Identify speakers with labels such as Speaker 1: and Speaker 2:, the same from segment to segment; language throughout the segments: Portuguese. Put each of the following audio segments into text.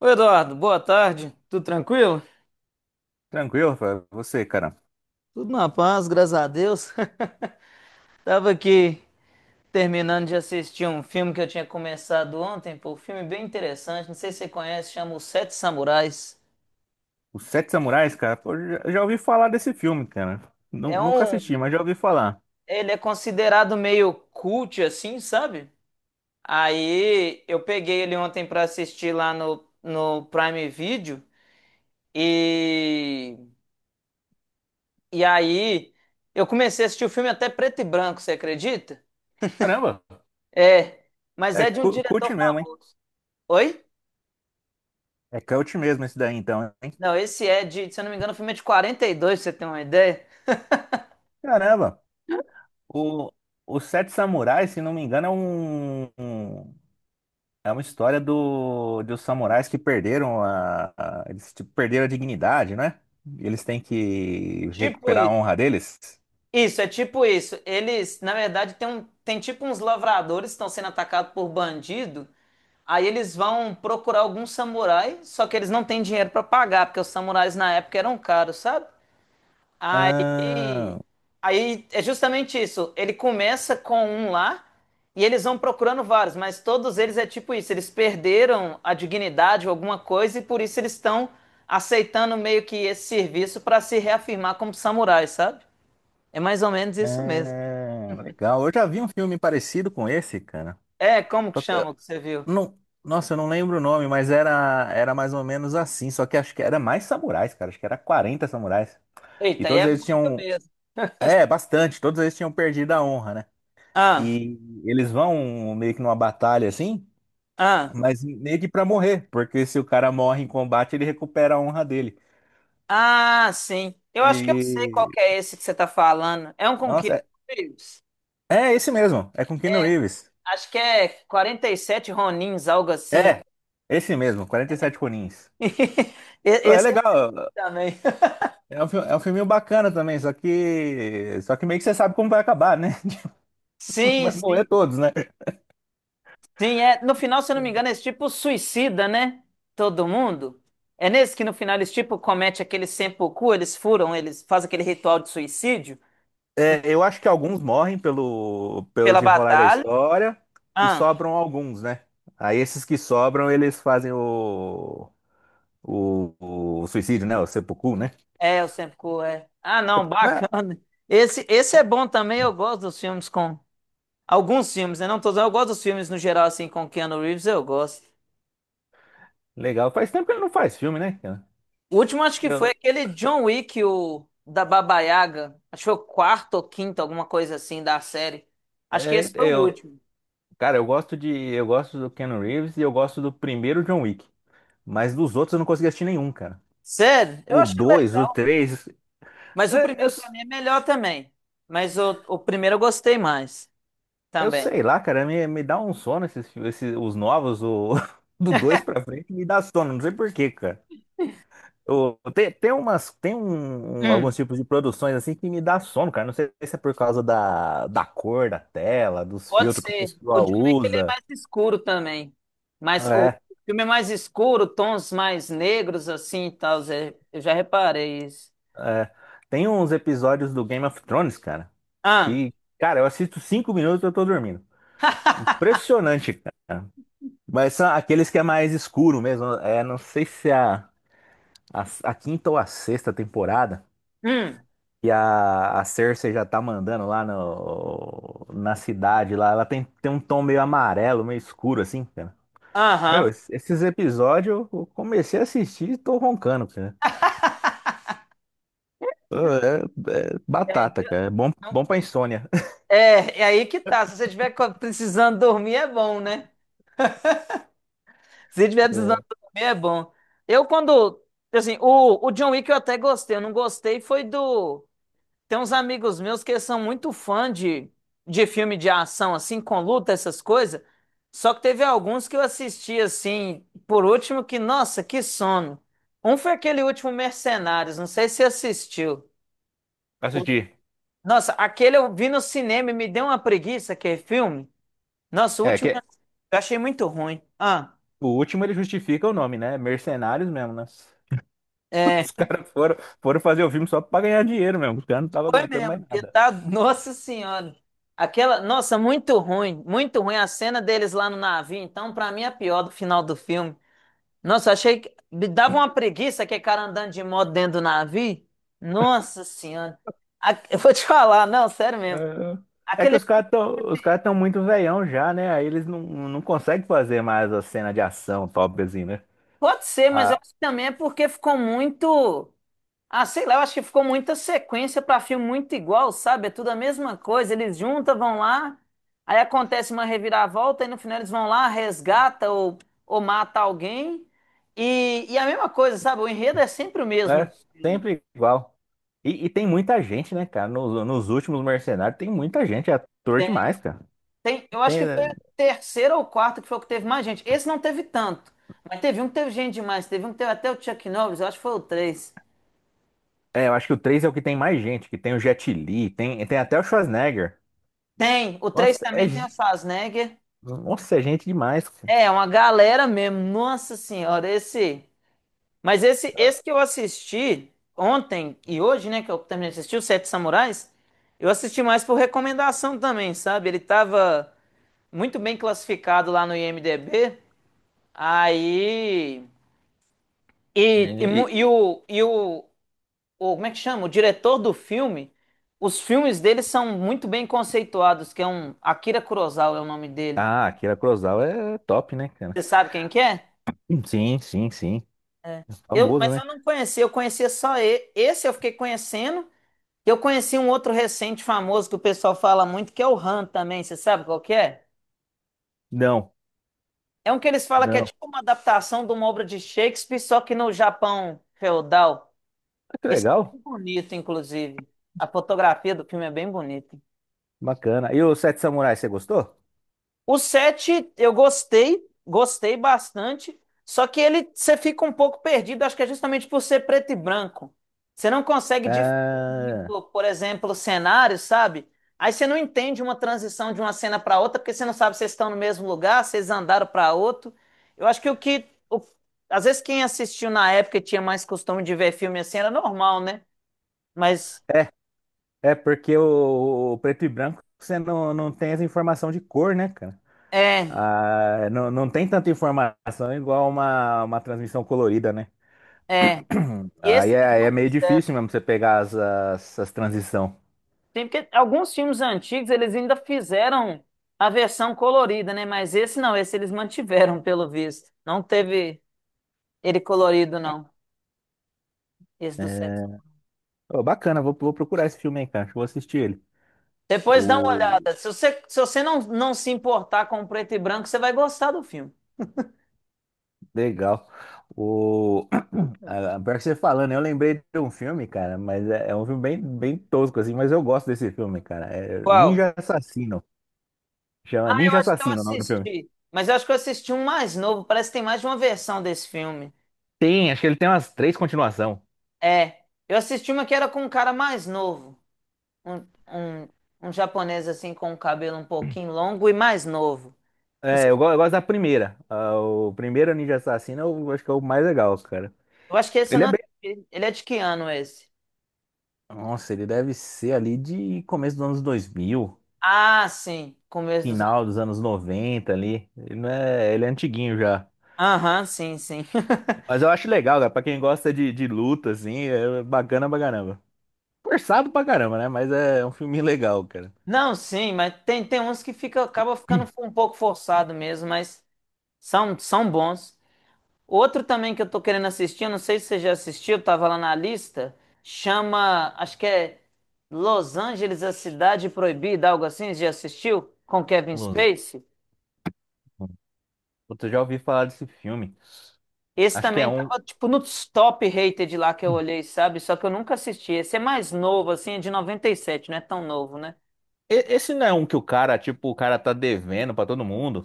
Speaker 1: Oi, Eduardo, boa tarde. Tudo tranquilo?
Speaker 2: Tranquilo, Rafael. Você, cara.
Speaker 1: Tudo na paz, graças a Deus. Tava aqui terminando de assistir um filme que eu tinha começado ontem, pô, um filme bem interessante, não sei se você conhece, chama Os Sete Samurais.
Speaker 2: Os Sete Samurais, cara, pô, já ouvi falar desse filme, cara.
Speaker 1: É
Speaker 2: Nunca
Speaker 1: um,
Speaker 2: assisti, mas já ouvi falar.
Speaker 1: ele é considerado meio cult assim, sabe? Aí eu peguei ele ontem pra assistir lá no Prime Video e e aí eu comecei a assistir o filme até preto e branco, você acredita?
Speaker 2: Caramba,
Speaker 1: É, mas
Speaker 2: é
Speaker 1: é de um
Speaker 2: cult
Speaker 1: diretor
Speaker 2: mesmo, hein?
Speaker 1: famoso. Oi?
Speaker 2: É cult mesmo esse daí, então, hein?
Speaker 1: Não, esse é de, se eu não me engano, o filme é de 42, pra você ter uma ideia.
Speaker 2: Caramba, o, os Sete Samurais, se não me engano, é uma história do, dos samurais que eles tipo, perderam a dignidade, né? Eles têm que
Speaker 1: Tipo
Speaker 2: recuperar a
Speaker 1: isso.
Speaker 2: honra deles.
Speaker 1: Isso, é tipo isso. Eles, na verdade, tem tipo uns lavradores que estão sendo atacados por bandido. Aí eles vão procurar algum samurai, só que eles não têm dinheiro pra pagar, porque os samurais na época eram caros, sabe?
Speaker 2: Ah,
Speaker 1: Aí, aí é justamente isso. Ele começa com um lá e eles vão procurando vários, mas todos eles é tipo isso. Eles perderam a dignidade ou alguma coisa e por isso eles estão aceitando meio que esse serviço para se reafirmar como samurais, sabe? É mais ou menos isso mesmo.
Speaker 2: é, legal. Eu já vi um filme parecido com esse, cara.
Speaker 1: É, como que
Speaker 2: Só que,
Speaker 1: chama o que você viu?
Speaker 2: não, nossa, eu não lembro o nome, mas era mais ou menos assim. Só que acho que era mais samurais, cara. Acho que era 40 samurais. E
Speaker 1: Eita, aí
Speaker 2: todos
Speaker 1: é
Speaker 2: eles
Speaker 1: muito
Speaker 2: tinham.
Speaker 1: mesmo.
Speaker 2: É, bastante. Todos eles tinham perdido a honra, né?
Speaker 1: Ah,
Speaker 2: E eles vão meio que numa batalha assim,
Speaker 1: ah,
Speaker 2: mas meio que pra morrer. Porque se o cara morre em combate, ele recupera a honra dele.
Speaker 1: ah, sim. Eu acho que eu sei qual
Speaker 2: E.
Speaker 1: que é esse que você tá falando. É um com
Speaker 2: Nossa,
Speaker 1: Keanu
Speaker 2: é,
Speaker 1: Reeves?
Speaker 2: é esse mesmo. É com Keanu Reeves.
Speaker 1: Acho que é 47 Ronins, algo assim.
Speaker 2: É, esse mesmo, 47 Conins. Pô, é
Speaker 1: Esse eu
Speaker 2: legal.
Speaker 1: também.
Speaker 2: É um filminho bacana também, só que meio que você sabe como vai acabar, né?
Speaker 1: Sim,
Speaker 2: Vai morrer
Speaker 1: sim,
Speaker 2: todos, né?
Speaker 1: sim. É, no final, se eu não me engano, é esse tipo suicida, né? Todo mundo. É nesse que no final eles tipo comete aquele seppuku, eles furam, eles fazem aquele ritual de suicídio
Speaker 2: É, eu acho que alguns morrem pelo
Speaker 1: pela
Speaker 2: desenrolar da
Speaker 1: batalha.
Speaker 2: história e
Speaker 1: Ah,
Speaker 2: sobram alguns, né? Aí esses que sobram, eles fazem o, o suicídio, né? O seppuku, né?
Speaker 1: é, o seppuku é. Ah, não,
Speaker 2: Né?
Speaker 1: bacana. Esse é bom também, eu gosto dos filmes com alguns filmes, né? Não todos, eu gosto dos filmes no geral assim com Keanu Reeves, eu gosto.
Speaker 2: Legal. Faz tempo que ele não faz filme, né, cara?
Speaker 1: O último acho que foi
Speaker 2: Eu,
Speaker 1: aquele John Wick, o da Baba Yaga. Acho que foi o quarto ou quinto, alguma coisa assim da série. Acho que
Speaker 2: é,
Speaker 1: esse foi o
Speaker 2: eu,
Speaker 1: último.
Speaker 2: cara, eu gosto do Keanu Reeves e eu gosto do primeiro John Wick, mas dos outros eu não consegui assistir nenhum, cara.
Speaker 1: Sério? Eu
Speaker 2: O
Speaker 1: acho que é
Speaker 2: 2, o
Speaker 1: legal.
Speaker 2: três.
Speaker 1: Mas o
Speaker 2: É. Eu,
Speaker 1: primeiro pra mim é melhor também. Mas o primeiro eu gostei mais
Speaker 2: eu
Speaker 1: também.
Speaker 2: sei lá, cara, me dá um sono esses, esses os novos, do 2 pra frente, me dá sono, não sei por quê, cara. Eu, tem, tem umas, tem um, um-
Speaker 1: Hum,
Speaker 2: alguns tipos de produções assim que me dá sono, cara. Não sei se é por causa da, cor da tela, dos
Speaker 1: pode
Speaker 2: filtros que o
Speaker 1: ser. O
Speaker 2: pessoal
Speaker 1: John Wick ele é
Speaker 2: usa.
Speaker 1: mais escuro também. Mas o
Speaker 2: É,
Speaker 1: filme é mais escuro, tons mais negros assim e tal. Zé. Eu já reparei isso.
Speaker 2: é. Tem uns episódios do Game of Thrones, cara,
Speaker 1: Ah.
Speaker 2: que, cara, eu assisto 5 minutos e eu tô dormindo. Impressionante, cara. Mas são aqueles que é mais escuro mesmo. É, não sei se é. A quinta ou a sexta temporada,
Speaker 1: Hum.
Speaker 2: e a Cersei já tá mandando lá no, na cidade lá. Ela tem um tom meio amarelo, meio escuro, assim, cara.
Speaker 1: Aham.
Speaker 2: Meu, esses episódios eu comecei a assistir e tô roncando, cara. É
Speaker 1: É,
Speaker 2: batata,
Speaker 1: então.
Speaker 2: cara. É bom, bom pra insônia.
Speaker 1: É aí que tá. Se você estiver precisando dormir, é bom, né? Se você estiver precisando dormir, é bom. Eu, quando. Assim, o John Wick eu até gostei. Eu não gostei foi do. Tem uns amigos meus que são muito fã de filme de ação, assim, com luta, essas coisas. Só que teve alguns que eu assisti, assim, por último, que, nossa, que sono. Um foi aquele último Mercenários, não sei se você assistiu. O-
Speaker 2: Assistir.
Speaker 1: Nossa, aquele eu vi no cinema e me deu uma preguiça, aquele filme. Nossa, o
Speaker 2: É,
Speaker 1: último.
Speaker 2: que
Speaker 1: Eu achei muito ruim. Ah,
Speaker 2: o último ele justifica o nome, né? Mercenários mesmo, né?
Speaker 1: é,
Speaker 2: Os caras foram fazer o filme só pra ganhar dinheiro mesmo. Os caras não estavam
Speaker 1: foi
Speaker 2: aguentando
Speaker 1: mesmo,
Speaker 2: mais
Speaker 1: porque
Speaker 2: nada.
Speaker 1: tá, nossa senhora. Aquela, nossa, muito ruim a cena deles lá no navio. Então, pra mim, é a pior do final do filme. Nossa, eu achei que me dava uma preguiça aquele cara andando de moto dentro do navio. Nossa senhora. Eu vou te falar, não, sério mesmo.
Speaker 2: É que
Speaker 1: Aquele
Speaker 2: os caras tão, os
Speaker 1: filme
Speaker 2: caras tão muito veião já, né? Aí eles não conseguem fazer mais a cena de ação top assim, né?
Speaker 1: pode ser, mas eu
Speaker 2: Ah,
Speaker 1: acho que também é porque ficou muito. Ah, sei lá, eu acho que ficou muita sequência para filme muito igual, sabe? É tudo a mesma coisa. Eles juntam, vão lá, aí acontece uma reviravolta, e no final eles vão lá, resgata ou mata alguém. E a mesma coisa, sabe? O enredo é sempre o
Speaker 2: é
Speaker 1: mesmo.
Speaker 2: sempre igual. E tem muita gente, né, cara? Nos últimos Mercenários tem muita gente, é ator demais, cara.
Speaker 1: Tem, eu acho
Speaker 2: Tem,
Speaker 1: que foi o terceiro ou quarto que foi o que teve mais gente. Esse não teve tanto, mas teve um que teve gente demais. Teve um que teve até o Chuck Norris, eu acho que foi o três.
Speaker 2: eu acho que o 3 é o que tem mais gente, que tem o Jet Li, tem até o Schwarzenegger.
Speaker 1: Tem, o 3
Speaker 2: Nossa,
Speaker 1: também tem o Schwarzenegger.
Speaker 2: é gente demais, cara.
Speaker 1: É, uma galera mesmo. Nossa Senhora, esse. Mas esse que eu assisti ontem e hoje, né, que eu terminei de assistir, o Sete Samurais, eu assisti mais por recomendação também, sabe? Ele tava muito bem classificado lá no IMDb, aí.
Speaker 2: E,
Speaker 1: E, e, mu-
Speaker 2: e-
Speaker 1: e o, e o, Como é que chama? O diretor do filme, os filmes dele são muito bem conceituados, que é um. Akira Kurosawa é o nome dele.
Speaker 2: Akira Kurosawa é top, né, cara?
Speaker 1: Você sabe quem que é?
Speaker 2: Sim, sim, sim. Famoso,
Speaker 1: Mas
Speaker 2: né?
Speaker 1: eu não conhecia, eu conhecia só ele. Esse eu fiquei conhecendo. Eu conheci um outro recente famoso que o pessoal fala muito, que é o Han também, você sabe qual que é?
Speaker 2: Não.
Speaker 1: É um que eles falam que é
Speaker 2: não.
Speaker 1: tipo uma adaptação de uma obra de Shakespeare, só que no Japão feudal.
Speaker 2: Que
Speaker 1: Esse é
Speaker 2: legal,
Speaker 1: bem bonito, inclusive. A fotografia do filme é bem bonita.
Speaker 2: bacana. E o Sete Samurais, você gostou?
Speaker 1: O 7 eu gostei, gostei bastante, só que ele você fica um pouco perdido, acho que é justamente por ser preto e branco. Você não consegue diferir
Speaker 2: Ah,
Speaker 1: muito, por exemplo, cenários, sabe? Aí você não entende uma transição de uma cena para outra, porque você não sabe se vocês estão no mesmo lugar, se vocês andaram para outro. Eu acho que às vezes quem assistiu na época e tinha mais costume de ver filme assim era normal, né? Mas
Speaker 2: é, é porque o preto e branco você não tem essa informação de cor, né, cara?
Speaker 1: é,
Speaker 2: Ah, não, não tem tanta informação igual uma transmissão colorida, né?
Speaker 1: é. E
Speaker 2: Aí
Speaker 1: esse
Speaker 2: é,
Speaker 1: eles
Speaker 2: aí é
Speaker 1: não
Speaker 2: meio
Speaker 1: fizeram.
Speaker 2: difícil mesmo você pegar as transição.
Speaker 1: Tem porque alguns filmes antigos eles ainda fizeram a versão colorida, né? Mas esse não, esse eles mantiveram, pelo visto. Não teve ele colorido, não. Esse do sexo.
Speaker 2: É, ô, bacana, vou procurar esse filme aí, cara. Acho que vou assistir ele.
Speaker 1: Depois dá uma
Speaker 2: O,
Speaker 1: olhada. Se você não se importar com o preto e branco, você vai gostar do filme.
Speaker 2: Legal. O... a- Pior que você falando, eu lembrei de um filme, cara, mas é um filme bem, bem tosco, assim, mas eu gosto desse filme, cara. É
Speaker 1: Qual?
Speaker 2: Ninja Assassino. Chama
Speaker 1: Ah, eu
Speaker 2: Ninja
Speaker 1: acho que eu
Speaker 2: Assassino o nome do filme.
Speaker 1: assisti. Mas eu acho que eu assisti um mais novo. Parece que tem mais de uma versão desse filme.
Speaker 2: Acho que ele tem umas três continuação.
Speaker 1: É. Eu assisti uma que era com um cara mais novo. Um, um, um japonês assim com o cabelo um pouquinho longo e mais novo.
Speaker 2: É. Eu gosto da primeira. Ah, o primeiro Ninja Assassino eu acho que é o mais legal, cara.
Speaker 1: Eu acho que esse eu
Speaker 2: Ele é
Speaker 1: não.
Speaker 2: bem.
Speaker 1: assisti. Ele é de que ano esse?
Speaker 2: Nossa, ele deve ser ali de começo dos anos 2000,
Speaker 1: Ah, sim. Começo dos anos.
Speaker 2: final dos anos 90 ali. Ele, não é, ele é antiguinho já.
Speaker 1: Aham, sim, sim.
Speaker 2: Mas eu acho legal, cara. Pra quem gosta de luta, assim, é bacana pra caramba. Forçado pra caramba, né? Mas é um filme legal, cara.
Speaker 1: Não, sim, mas tem uns que fica, acaba ficando um pouco forçado mesmo, mas são bons. Outro também que eu tô querendo assistir, eu não sei se você já assistiu, tava lá na lista, chama, acho que é Los Angeles, a Cidade Proibida, algo assim, você já assistiu? Com Kevin
Speaker 2: Los...
Speaker 1: Spacey?
Speaker 2: Puta, eu já ouvi falar desse filme.
Speaker 1: Esse
Speaker 2: Acho que é
Speaker 1: também
Speaker 2: um.
Speaker 1: tava, tipo, nos top rated lá que eu olhei, sabe? Só que eu nunca assisti. Esse é mais novo, assim, é de 97 não é tão novo, né?
Speaker 2: Esse não é um que o cara, tipo, o cara tá devendo pra todo mundo.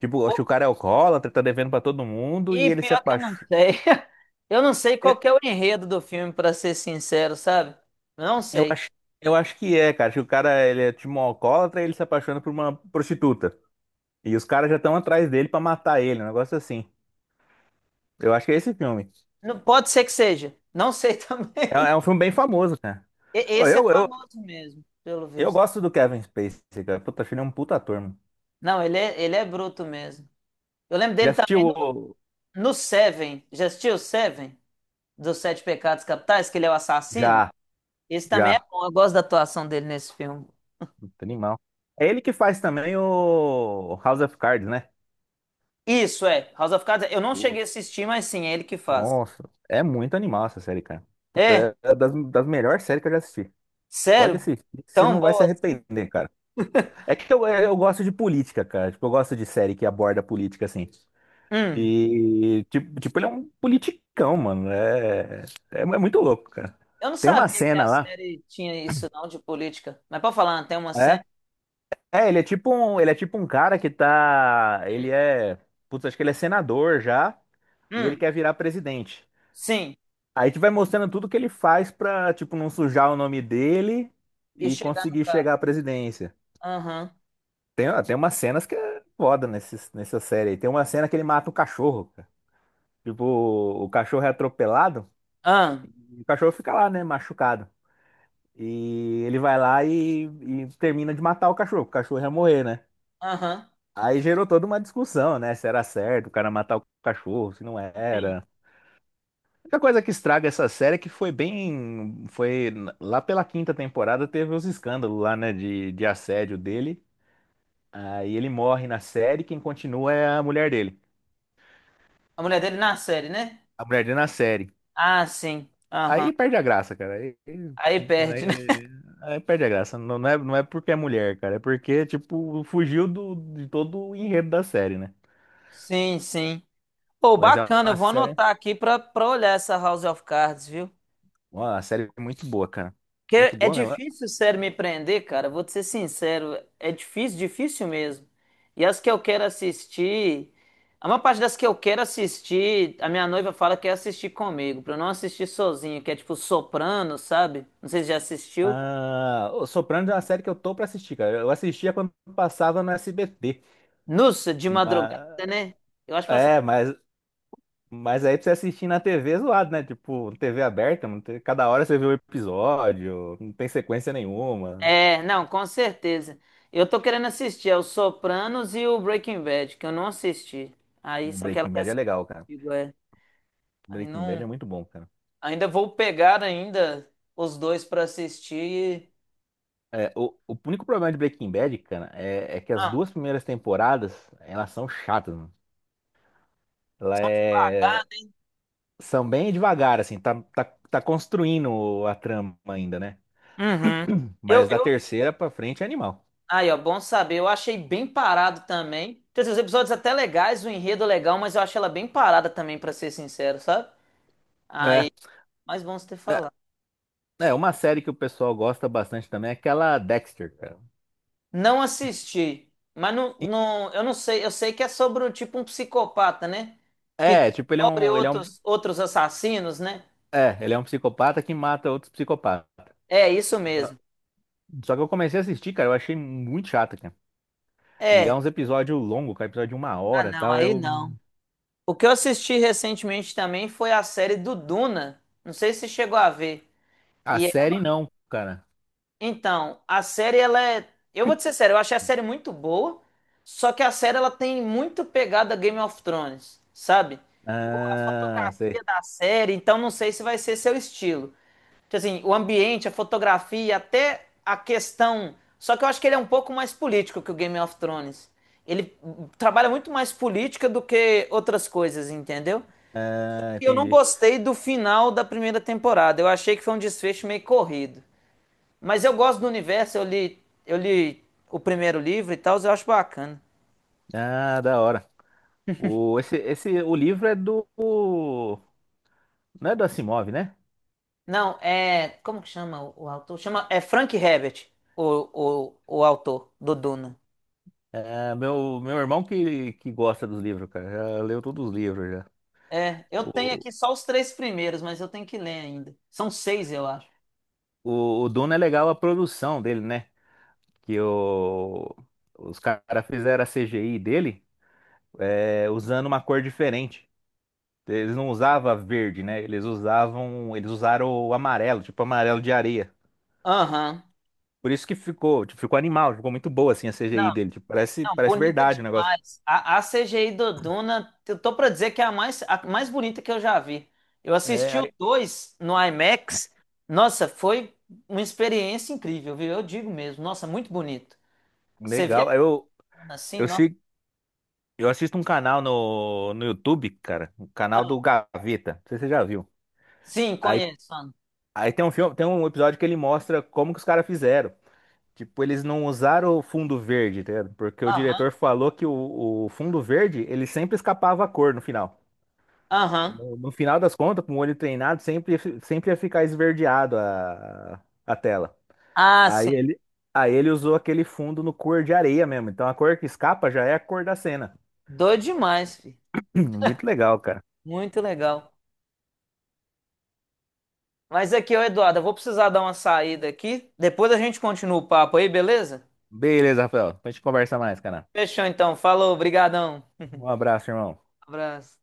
Speaker 2: Tipo,
Speaker 1: Pô,
Speaker 2: acho que o cara é alcoólatra, tá devendo pra todo mundo e
Speaker 1: e
Speaker 2: ele se
Speaker 1: pior que eu não
Speaker 2: apaixona.
Speaker 1: sei. Eu não sei qual
Speaker 2: Eu
Speaker 1: que é o enredo do filme, pra ser sincero, sabe? Não
Speaker 2: eu
Speaker 1: sei.
Speaker 2: acho, eu acho que é, cara. Acho que o cara, ele é tipo um alcoólatra e ele se apaixona por uma prostituta. E os caras já estão atrás dele pra matar ele, um negócio assim. Eu acho que é esse filme.
Speaker 1: Não, pode ser que seja. Não sei
Speaker 2: É,
Speaker 1: também.
Speaker 2: é um filme bem famoso, cara. Ô,
Speaker 1: Esse é
Speaker 2: Eu, eu,
Speaker 1: famoso mesmo, pelo
Speaker 2: eu
Speaker 1: visto.
Speaker 2: gosto do Kevin Spacey, cara. Puta, acho ele é um puta ator, mano.
Speaker 1: Não, ele é bruto mesmo. Eu lembro
Speaker 2: Já
Speaker 1: dele
Speaker 2: assistiu
Speaker 1: também
Speaker 2: o.
Speaker 1: no Seven. Já assistiu o Seven? Dos Sete Pecados Capitais, que ele é o assassino?
Speaker 2: Já,
Speaker 1: Esse também é
Speaker 2: já.
Speaker 1: bom. Eu gosto da atuação dele nesse filme.
Speaker 2: Puta, animal. É ele que faz também o House of Cards, né?
Speaker 1: Isso, é. House of Cards, eu não
Speaker 2: Pô,
Speaker 1: cheguei a assistir, mas sim, é ele que faz.
Speaker 2: nossa, é muito animal essa série, cara.
Speaker 1: É?
Speaker 2: Puta, é das melhores séries que eu já assisti. Pode
Speaker 1: Sério?
Speaker 2: assistir, que você
Speaker 1: Tão
Speaker 2: não vai se
Speaker 1: boa assim?
Speaker 2: arrepender, cara. É que eu gosto de política, cara. Tipo, eu gosto de série que aborda política, assim.
Speaker 1: Hum.
Speaker 2: E, tipo, ele é um politicão, mano. É muito louco, cara.
Speaker 1: Eu não
Speaker 2: Tem uma
Speaker 1: sabia que a
Speaker 2: cena lá.
Speaker 1: série tinha isso, não, de política. Mas pode falar, tem uma cena.
Speaker 2: É, ele é tipo um cara que tá.
Speaker 1: Hum.
Speaker 2: Ele é. Putz, acho que ele é senador já. E ele
Speaker 1: Hum.
Speaker 2: quer virar presidente.
Speaker 1: Sim.
Speaker 2: Aí tu vai mostrando tudo que ele faz pra, tipo, não sujar o nome dele
Speaker 1: E
Speaker 2: e
Speaker 1: chegar no
Speaker 2: conseguir
Speaker 1: carro.
Speaker 2: chegar à presidência.
Speaker 1: Aham.
Speaker 2: Tem umas cenas que é foda nessa série aí. Tem uma cena que ele mata o cachorro, cara. Tipo, o cachorro é atropelado
Speaker 1: Aham.
Speaker 2: e o cachorro fica lá, né, machucado. E ele vai lá e termina de matar o cachorro ia morrer, né?
Speaker 1: Aham.
Speaker 2: Aí gerou toda uma discussão, né? Se era certo o cara matar o cachorro, se não
Speaker 1: Sim.
Speaker 2: era. A única coisa que estraga essa série é que foi bem. Foi lá pela quinta temporada teve os escândalos lá, né? De assédio dele. Aí ele morre na série, quem continua é a mulher dele.
Speaker 1: A mulher dele na série, né?
Speaker 2: A mulher dele na série.
Speaker 1: Ah, sim. Aham.
Speaker 2: Aí perde a graça, cara.
Speaker 1: Aí perde, né?
Speaker 2: Aí, aí perde a graça. Não, não é porque é mulher, cara. É porque, tipo, fugiu de todo o enredo da série, né?
Speaker 1: Sim, sim. Pô,
Speaker 2: Mas é
Speaker 1: bacana,
Speaker 2: uma
Speaker 1: eu vou
Speaker 2: série,
Speaker 1: anotar aqui pra olhar essa House of Cards, viu?
Speaker 2: uma série muito boa, cara. Muito
Speaker 1: Porque é
Speaker 2: boa mesmo.
Speaker 1: difícil, sério, me prender, cara. Vou te ser sincero, é difícil, difícil mesmo. E as que eu quero assistir, a maior parte das que eu quero assistir, a minha noiva fala que é assistir comigo, pra eu não assistir sozinho, que é tipo Soprano, sabe? Não sei se já assistiu.
Speaker 2: Ah, o Sopranos é uma série que eu tô pra assistir, cara. Eu assistia quando passava no SBT.
Speaker 1: Nossa, de madrugada,
Speaker 2: Mas,
Speaker 1: né? Eu acho que passa.
Speaker 2: é, mas, mas aí pra você assistir na TV é zoado, né? Tipo, TV aberta, não tem- cada hora você vê um episódio, não tem sequência nenhuma.
Speaker 1: É, não, com certeza. Eu tô querendo assistir, é o Sopranos e o Breaking Bad, que eu não assisti. Aí,
Speaker 2: Um
Speaker 1: só que ela
Speaker 2: Breaking
Speaker 1: quer
Speaker 2: Bad é
Speaker 1: assistir
Speaker 2: legal, cara.
Speaker 1: comigo, é. Aí
Speaker 2: Breaking Bad é
Speaker 1: não.
Speaker 2: muito bom, cara.
Speaker 1: Ainda vou pegar ainda os dois para assistir.
Speaker 2: É, o único problema de Breaking Bad, cara, é que as
Speaker 1: Ah,
Speaker 2: duas primeiras temporadas, elas são chatas, mano. Ela é... São bem devagar, assim, tá construindo a trama ainda, né?
Speaker 1: uhum. Eu,
Speaker 2: Mas da
Speaker 1: eu...
Speaker 2: terceira pra frente é animal.
Speaker 1: Aí, ó, bom saber. Eu achei bem parado também. Quer dizer, os episódios até legais, o enredo é legal, mas eu achei ela bem parada também, pra ser sincero, sabe?
Speaker 2: É,
Speaker 1: Aí, mas bom você ter
Speaker 2: é,
Speaker 1: falado.
Speaker 2: uma série que o pessoal gosta bastante também é aquela Dexter, cara.
Speaker 1: Não assisti, mas não,
Speaker 2: E-
Speaker 1: não, eu não sei. Eu sei que é sobre o tipo um psicopata, né? Que
Speaker 2: É, tipo, ele é
Speaker 1: descobre
Speaker 2: um, ele é um,
Speaker 1: outros assassinos, né?
Speaker 2: ele é um psicopata que mata outros psicopatas.
Speaker 1: É isso
Speaker 2: Só
Speaker 1: mesmo.
Speaker 2: só que eu comecei a assistir, cara, eu achei muito chato, cara. E é
Speaker 1: É.
Speaker 2: uns episódios longos, cara, episódio de uma
Speaker 1: Ah,
Speaker 2: hora e
Speaker 1: não,
Speaker 2: tal.
Speaker 1: aí não. O que eu assisti recentemente também foi a série do Duna. Não sei se você chegou a ver.
Speaker 2: A
Speaker 1: E é-
Speaker 2: série não, cara.
Speaker 1: então, a série ela é, eu vou te ser sério, eu achei a série muito boa, só que a série ela tem muito pegada Game of Thrones, sabe? A
Speaker 2: Ah,
Speaker 1: fotografia
Speaker 2: sei.
Speaker 1: da série, então não sei se vai ser seu estilo. Tipo assim, o ambiente, a fotografia, até a questão. Só que eu acho que ele é um pouco mais político que o Game of Thrones. Ele trabalha muito mais política do que outras coisas, entendeu?
Speaker 2: Ah,
Speaker 1: Eu não
Speaker 2: entendi.
Speaker 1: gostei do final da primeira temporada. Eu achei que foi um desfecho meio corrido. Mas eu gosto do universo, eu li o primeiro livro e tal, eu acho bacana.
Speaker 2: Ah, da hora. O livro é do. Não é do Asimov, né?
Speaker 1: Não, é. Como que chama o autor? Chama, é Frank Herbert, o autor do Duna.
Speaker 2: É meu irmão que gosta dos livros, cara. Já leu todos os livros já.
Speaker 1: É, eu tenho
Speaker 2: O,
Speaker 1: aqui só os três primeiros, mas eu tenho que ler ainda. São seis, eu acho.
Speaker 2: o Duna é legal a produção dele, né? Que os caras fizeram a CGI dele usando uma cor diferente. Eles não usavam verde, né? Eles usaram o amarelo, tipo amarelo de areia.
Speaker 1: Aham.
Speaker 2: Por isso que ficou, tipo, ficou animal, ficou muito boa assim a CGI dele, tipo, parece,
Speaker 1: Não,
Speaker 2: parece
Speaker 1: bonita
Speaker 2: verdade o negócio.
Speaker 1: demais. A CGI do Duna, eu tô pra dizer que é a mais bonita que eu já vi. Eu
Speaker 2: É,
Speaker 1: assisti o
Speaker 2: aí-
Speaker 1: 2 no IMAX. Nossa, foi uma experiência incrível, viu? Eu digo mesmo. Nossa, muito bonito. Você vê a
Speaker 2: legal.
Speaker 1: cona assim,
Speaker 2: Eu
Speaker 1: nossa.
Speaker 2: sigo, eu assisto um canal no YouTube, cara, o canal
Speaker 1: Ah,
Speaker 2: do Gaveta. Não sei se você já viu.
Speaker 1: sim,
Speaker 2: Aí
Speaker 1: conheço. Ana.
Speaker 2: aí tem tem um episódio que ele mostra como que os caras fizeram. Tipo, eles não usaram o fundo verde, tá ligado? Porque o
Speaker 1: Aham,
Speaker 2: diretor falou que o fundo verde, ele sempre escapava a cor no final.
Speaker 1: aham.
Speaker 2: No final das contas, com o olho treinado, sempre ia ficar esverdeado a tela.
Speaker 1: Ah,
Speaker 2: Aí
Speaker 1: sim.
Speaker 2: ele, aí ele usou aquele fundo no cor de areia mesmo. Então a cor que escapa já é a cor da cena.
Speaker 1: Doido demais, filho.
Speaker 2: Muito legal, cara.
Speaker 1: Muito legal. Mas aqui, ô Eduardo, eu vou precisar dar uma saída aqui. Depois a gente continua o papo aí, beleza?
Speaker 2: Beleza, Rafael. Depois a gente conversa mais, cara.
Speaker 1: Fechou então. Falou, brigadão.
Speaker 2: Um abraço, irmão.
Speaker 1: Um abraço.